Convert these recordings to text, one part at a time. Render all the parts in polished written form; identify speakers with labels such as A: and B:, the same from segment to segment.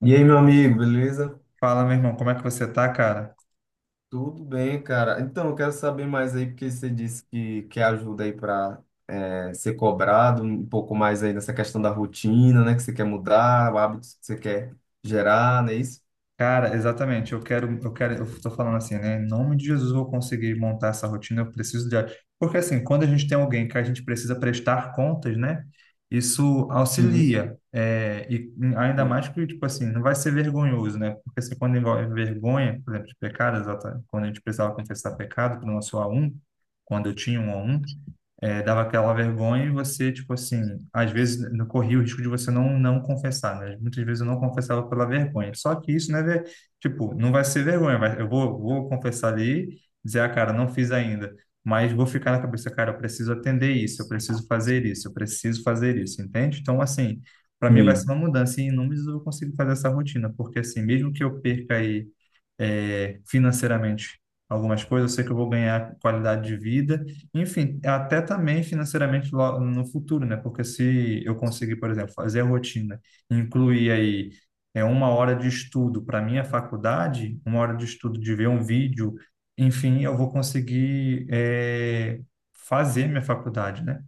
A: E aí, meu amigo, beleza?
B: Fala, meu irmão, como é que você tá, cara?
A: Tudo bem, cara. Então, eu quero saber mais aí, porque você disse que quer ajuda aí para ser cobrado, um pouco mais aí nessa questão da rotina, né? Que você quer mudar, hábitos que você quer gerar, não é isso?
B: Cara, exatamente, eu quero, eu tô falando assim, né? Em nome de Jesus, eu vou conseguir montar essa rotina, eu preciso de... Porque assim, quando a gente tem alguém que a gente precisa prestar contas, né? Isso
A: Sim,
B: auxilia, e ainda
A: sim.
B: mais que, tipo assim, não vai ser vergonhoso, né? Porque assim, quando envolve vergonha, por exemplo, de pecado, exatamente, quando a gente precisava confessar pecado para o nosso A1, quando eu tinha um A1, dava aquela vergonha e você, tipo assim, às vezes não corria o risco de você não confessar, né? Muitas vezes eu não confessava pela vergonha. Só que isso não é, tipo, não vai ser vergonha, vai, vou confessar ali, dizer, ah, cara, não fiz ainda, mas vou ficar na cabeça, cara, eu preciso atender isso, eu preciso fazer isso, eu preciso fazer isso, entende? Então, assim, para mim vai ser
A: Sim.
B: uma mudança e em números eu vou conseguir fazer essa rotina, porque assim, mesmo que eu perca aí financeiramente algumas coisas, eu sei que eu vou ganhar qualidade de vida, enfim, até também financeiramente no futuro, né? Porque se eu conseguir, por exemplo, fazer a rotina, incluir aí uma hora de estudo para minha faculdade, uma hora de estudo de ver um vídeo, enfim, eu vou conseguir fazer minha faculdade, né?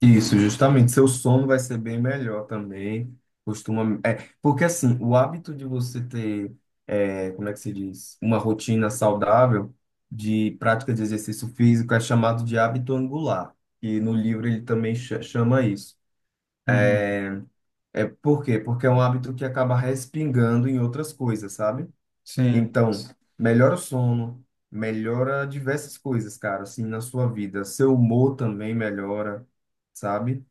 A: Isso, justamente. Seu sono vai ser bem melhor também. Costuma. É, porque assim, o hábito de você ter, como é que se diz? Uma rotina saudável de prática de exercício físico é chamado de hábito angular. E no livro ele também chama isso.
B: Uhum.
A: É por quê? Porque é um hábito que acaba respingando em outras coisas, sabe?
B: Sim.
A: Então, melhora o sono, melhora diversas coisas, cara, assim, na sua vida. Seu humor também melhora, sabe?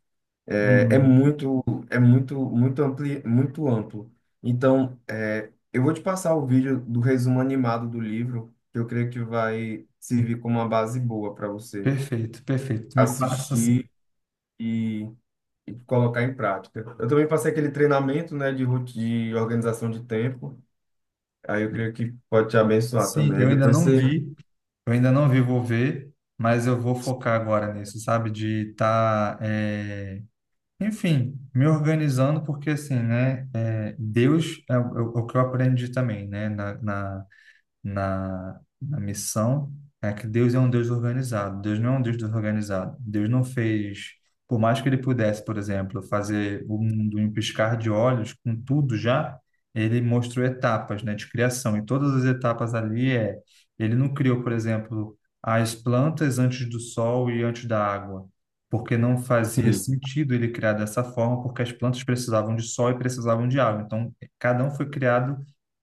A: É
B: Uhum.
A: muito, muito amplo. Então, eu vou te passar o vídeo do resumo animado do livro, que eu creio que vai servir como uma base boa para você
B: Perfeito, perfeito. Me passa assim.
A: assistir e, e colocar em prática. Eu também passei aquele treinamento, né, de organização de tempo. Aí eu creio que pode te abençoar
B: Sim,
A: também. Aí
B: eu ainda
A: depois
B: não
A: você,
B: vi. Eu ainda não vi, vou ver, mas eu vou focar agora nisso, sabe? De estar, enfim, me organizando, porque assim, né? Deus é é o que eu aprendi também, né? Na missão é que Deus é um Deus organizado. Deus não é um Deus desorganizado. Deus não fez, por mais que ele pudesse, por exemplo, fazer o mundo em um piscar de olhos, com tudo já, ele mostrou etapas, né, de criação. E todas as etapas ali ele não criou, por exemplo, as plantas antes do sol e antes da água. Porque não fazia
A: sim.
B: sentido ele criar dessa forma, porque as plantas precisavam de sol e precisavam de água. Então, cada um foi criado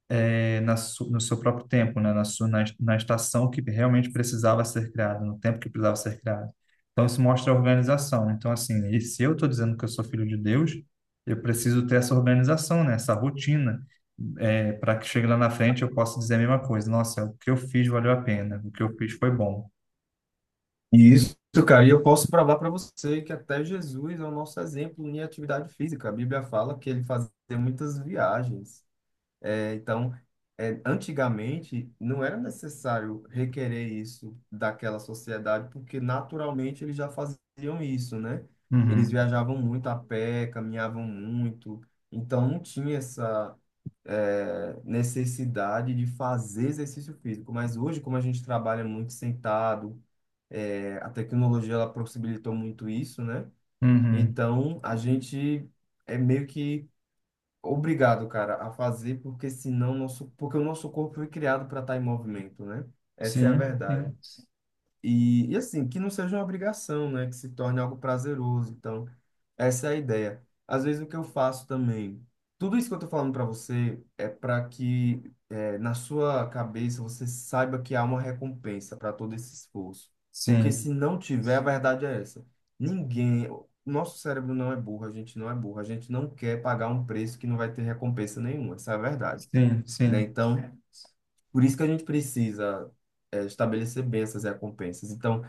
B: no seu próprio tempo, né? Na estação que realmente precisava ser criada, no tempo que precisava ser criada. Então, isso mostra a organização, né? Então, assim, e se eu estou dizendo que eu sou filho de Deus, eu preciso ter essa organização, né? Essa rotina, para que chegue lá na frente eu possa dizer a mesma coisa. Nossa, o que eu fiz valeu a pena, o que eu fiz foi bom.
A: E isso, cara, e eu posso provar para você que até Jesus é o nosso exemplo em atividade física. A Bíblia fala que ele fazia muitas viagens. Então, antigamente não era necessário requerer isso daquela sociedade, porque naturalmente eles já faziam isso, né? Eles
B: Uhum,
A: viajavam muito a pé, caminhavam muito, então não tinha essa, necessidade de fazer exercício físico. Mas hoje, como a gente trabalha muito sentado, a tecnologia ela possibilitou muito isso, né?
B: uhum.
A: Então, a gente é meio que obrigado, cara, a fazer, porque senão nosso, porque o nosso corpo foi criado para estar em movimento, né? Essa é a
B: Sim,
A: verdade.
B: sim,
A: E assim, que não seja uma obrigação, né? Que se torne algo prazeroso. Então, essa é a ideia. Às vezes o que eu faço também, tudo isso que eu tô falando para você é para que, na sua cabeça você saiba que há uma recompensa para todo esse esforço. Porque
B: sim,
A: se não tiver, a verdade é essa. Ninguém, o nosso cérebro não é burro, a gente não é burro, a gente não quer pagar um preço que não vai ter recompensa nenhuma, essa é a verdade,
B: sim,
A: né?
B: sim.
A: Então, por isso que a gente precisa estabelecer bem essas recompensas. Então,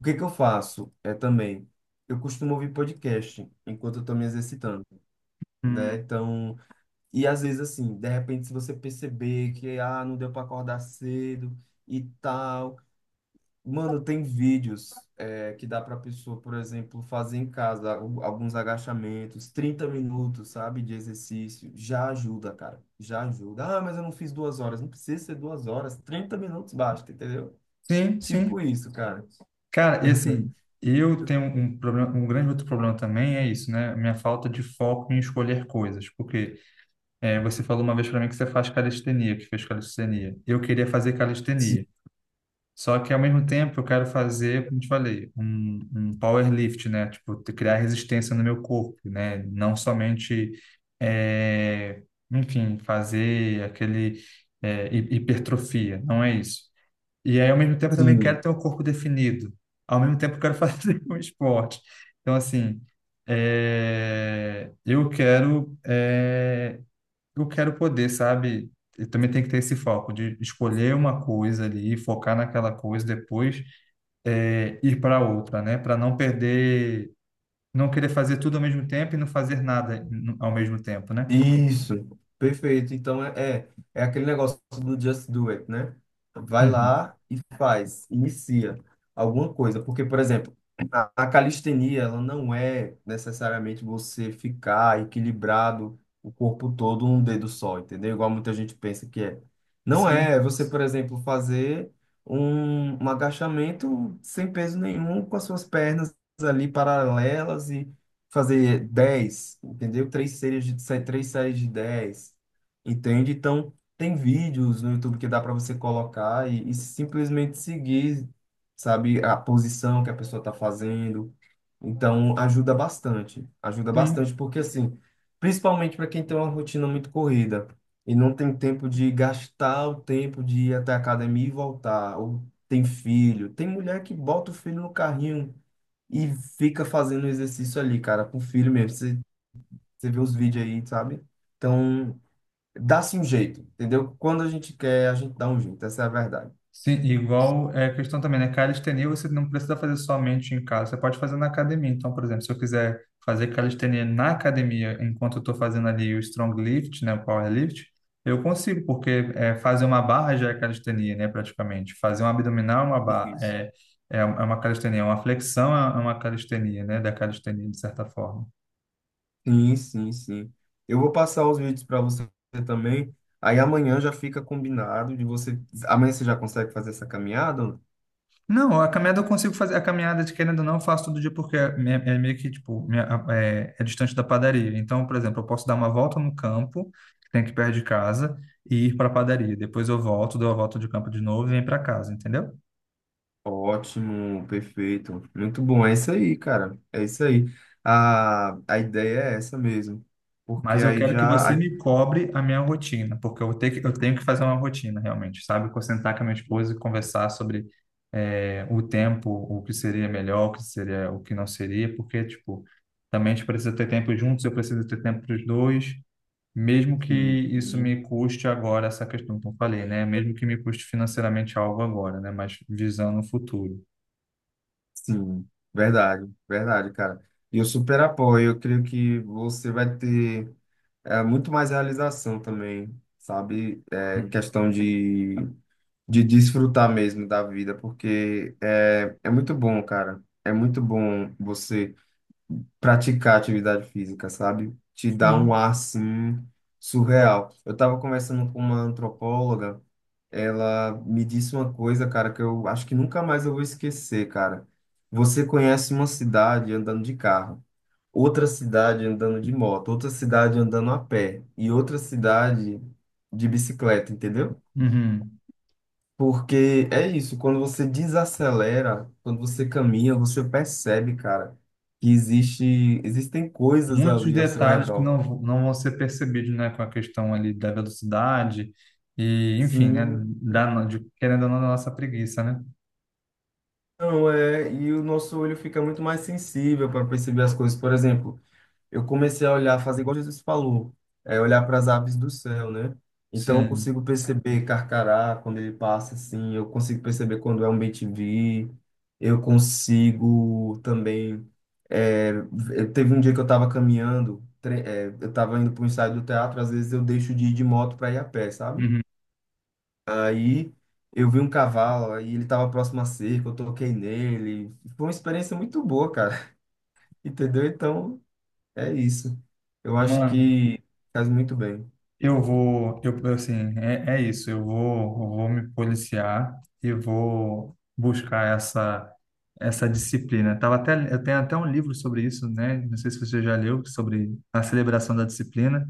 A: o que que eu faço é também, eu costumo ouvir podcast enquanto eu estou me exercitando, né?
B: Hum.
A: Então, e às vezes assim, de repente se você perceber que ah, não deu para acordar cedo e tal, mano, tem vídeos, que dá para pessoa, por exemplo, fazer em casa alguns agachamentos, 30 minutos, sabe, de exercício, já ajuda, cara, já ajuda. Ah, mas eu não fiz 2 horas, não precisa ser 2 horas, 30 minutos basta, entendeu?
B: Sim,
A: Tipo
B: sim.
A: isso, cara.
B: Cara, e assim, eu tenho um problema, um grande outro problema também é isso, né? Minha falta de foco em escolher coisas. Porque você falou uma vez para mim que você faz calistenia, que fez calistenia. Eu queria fazer calistenia. Só que ao mesmo tempo eu quero fazer, como te falei, um power lift, né? Tipo, criar resistência no meu corpo, né? Não somente, é, enfim, fazer aquele hipertrofia. Não é isso. E aí, ao mesmo tempo, eu também
A: Sim.
B: quero ter um corpo definido. Ao mesmo tempo, eu quero fazer um esporte. Então, assim, é, eu quero, é, eu quero poder, sabe? Eu também tenho que ter esse foco de escolher uma coisa ali, focar naquela coisa, depois ir para outra, né? Para não perder, não querer fazer tudo ao mesmo tempo e não fazer nada ao mesmo tempo, né?
A: Isso, perfeito. Então é aquele negócio do just do it, né? Vai
B: Uhum.
A: lá e faz, inicia alguma coisa. Porque, por exemplo, a calistenia, ela não é necessariamente você ficar equilibrado o corpo todo num dedo só, entendeu? Igual muita gente pensa que é. Não é. É
B: Sim,
A: você, por exemplo, fazer um agachamento sem peso nenhum com as suas pernas ali paralelas, fazer 10, entendeu? Três séries três séries de 10, entende? Então, tem vídeos no YouTube que dá para você colocar e simplesmente seguir, sabe, a posição que a pessoa está fazendo. Então, ajuda
B: sim.
A: bastante, porque assim, principalmente para quem tem uma rotina muito corrida e não tem tempo de gastar o tempo de ir até a academia e voltar, ou tem filho, tem mulher que bota o filho no carrinho e fica fazendo exercício ali, cara, com o filho mesmo. Você, você vê os vídeos aí, sabe? Então, dá-se um jeito, entendeu? Quando a gente quer, a gente dá um jeito, essa é a verdade.
B: Sim, igual é a questão também, né? Calistenia você não precisa fazer somente em casa, você pode fazer na academia. Então, por exemplo, se eu quiser fazer calistenia na academia, enquanto eu estou fazendo ali o strong lift, né, o power lift, eu consigo, porque fazer uma barra já é calistenia, né, praticamente. Fazer um abdominal é uma barra,
A: Isso.
B: é uma calistenia, uma flexão é uma calistenia, né, da calistenia, de certa forma.
A: Sim, sim, sim. Eu vou passar os vídeos para você também. Aí amanhã já fica combinado de você. Amanhã você já consegue fazer essa caminhada? Ou não?
B: Não, a caminhada eu consigo fazer. A caminhada, de querendo ou não, eu faço todo dia porque é meio que, tipo, é distante da padaria. Então, por exemplo, eu posso dar uma volta no campo, que tem aqui perto de casa, e ir para a padaria. Depois eu volto, dou a volta de campo de novo e venho para casa, entendeu?
A: Ótimo, perfeito. Muito bom. É isso aí, cara. É isso aí. A ideia é essa mesmo. Porque
B: Mas eu
A: aí
B: quero que você
A: já.
B: me cobre a minha rotina, porque eu tenho que fazer uma rotina, realmente, sabe? Vou sentar com a minha esposa e conversar sobre, o tempo, o que seria melhor, o que seria, o que não seria, porque, tipo, também a gente precisa ter tempo juntos, eu preciso ter tempo para os dois. Mesmo que
A: Assim,
B: isso me custe agora essa questão que eu falei, né? Mesmo que me custe financeiramente algo agora, né? Mas visando o futuro.
A: sim, verdade, verdade, cara. E eu super apoio. Eu creio que você vai ter, muito mais realização também, sabe? Em questão de, desfrutar mesmo da vida, porque é muito bom, cara. É muito bom você praticar atividade física, sabe? Te dá um ar, assim, surreal. Eu estava conversando com uma antropóloga, ela me disse uma coisa, cara, que eu acho que nunca mais eu vou esquecer, cara. Você conhece uma cidade andando de carro, outra cidade andando de moto, outra cidade andando a pé e outra cidade de bicicleta, entendeu?
B: Uhum.
A: Porque é isso, quando você desacelera, quando você caminha, você percebe, cara, que existem coisas
B: Muitos
A: ali ao seu
B: detalhes que
A: redor.
B: não, não vão ser percebidos, né? Com a questão ali da velocidade e, enfim, né?
A: Sim,
B: Da, querendo ou não, da nossa preguiça, né?
A: não é, e o nosso olho fica muito mais sensível para perceber as coisas, por exemplo, eu comecei a olhar, fazer igual Jesus falou, é olhar para as aves do céu, né? Então eu
B: Sim.
A: consigo perceber carcará quando ele passa assim, eu consigo perceber quando é um bem-te-vi, eu consigo também. É, Teve um dia que eu estava caminhando, eu estava indo para o ensaio do teatro, às vezes eu deixo de ir de moto para ir a pé, sabe?
B: Uhum.
A: Aí eu vi um cavalo, aí ele estava próximo à cerca, eu toquei nele. Foi uma experiência muito boa, cara. Entendeu? Então, é isso. Eu acho
B: Mano,
A: que faz muito bem.
B: Eu vou, eu, assim, é isso. Eu vou me policiar e vou buscar essa essa disciplina. Tava até, eu tenho até um livro sobre isso, né? Não sei se você já leu sobre a celebração da disciplina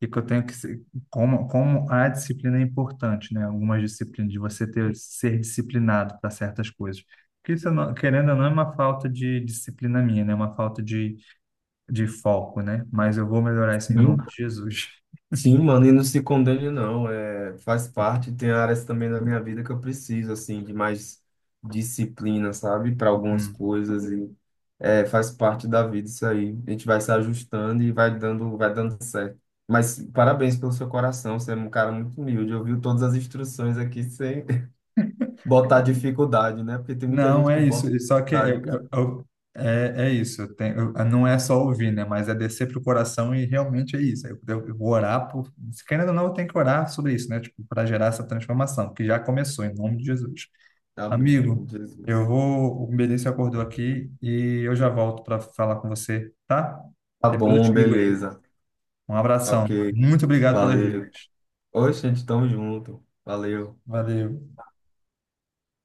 B: e que eu tenho que se- como a disciplina é importante, né? Algumas disciplinas de você ter ser disciplinado para certas coisas. Porque isso, eu não- querendo ou não, é uma falta de disciplina minha, né? É uma falta de foco, né? Mas eu vou melhorar isso em
A: Sim.
B: nome de Jesus.
A: Sim, mano, e não se condene, não. É, faz parte. Tem áreas também da minha vida que eu preciso, assim, de mais disciplina, sabe? Para algumas
B: Hum.
A: coisas. E é, faz parte da vida isso aí. A gente vai se ajustando e vai dando certo. Mas parabéns pelo seu coração. Você é um cara muito humilde. Ouviu todas as instruções aqui sem botar dificuldade, né? Porque tem muita
B: Não,
A: gente que
B: é isso.
A: bota
B: E só que
A: dificuldade, cara.
B: é isso. Não é só ouvir, né? Mas é descer pro coração e realmente é isso. Eu vou orar por. Se Querendo ou não, eu tenho que orar sobre isso, né? Tipo, para gerar essa transformação, que já começou, em nome de Jesus.
A: Amém, em nome
B: Amigo,
A: de
B: eu
A: Jesus.
B: vou. O Benício acordou aqui e eu já volto para falar com você, tá?
A: Tá
B: Depois eu
A: bom,
B: te ligo aí.
A: beleza.
B: Um
A: Ok,
B: abração. Muito obrigado pelas
A: valeu.
B: dicas.
A: Oi, gente, tamo junto. Valeu.
B: Valeu.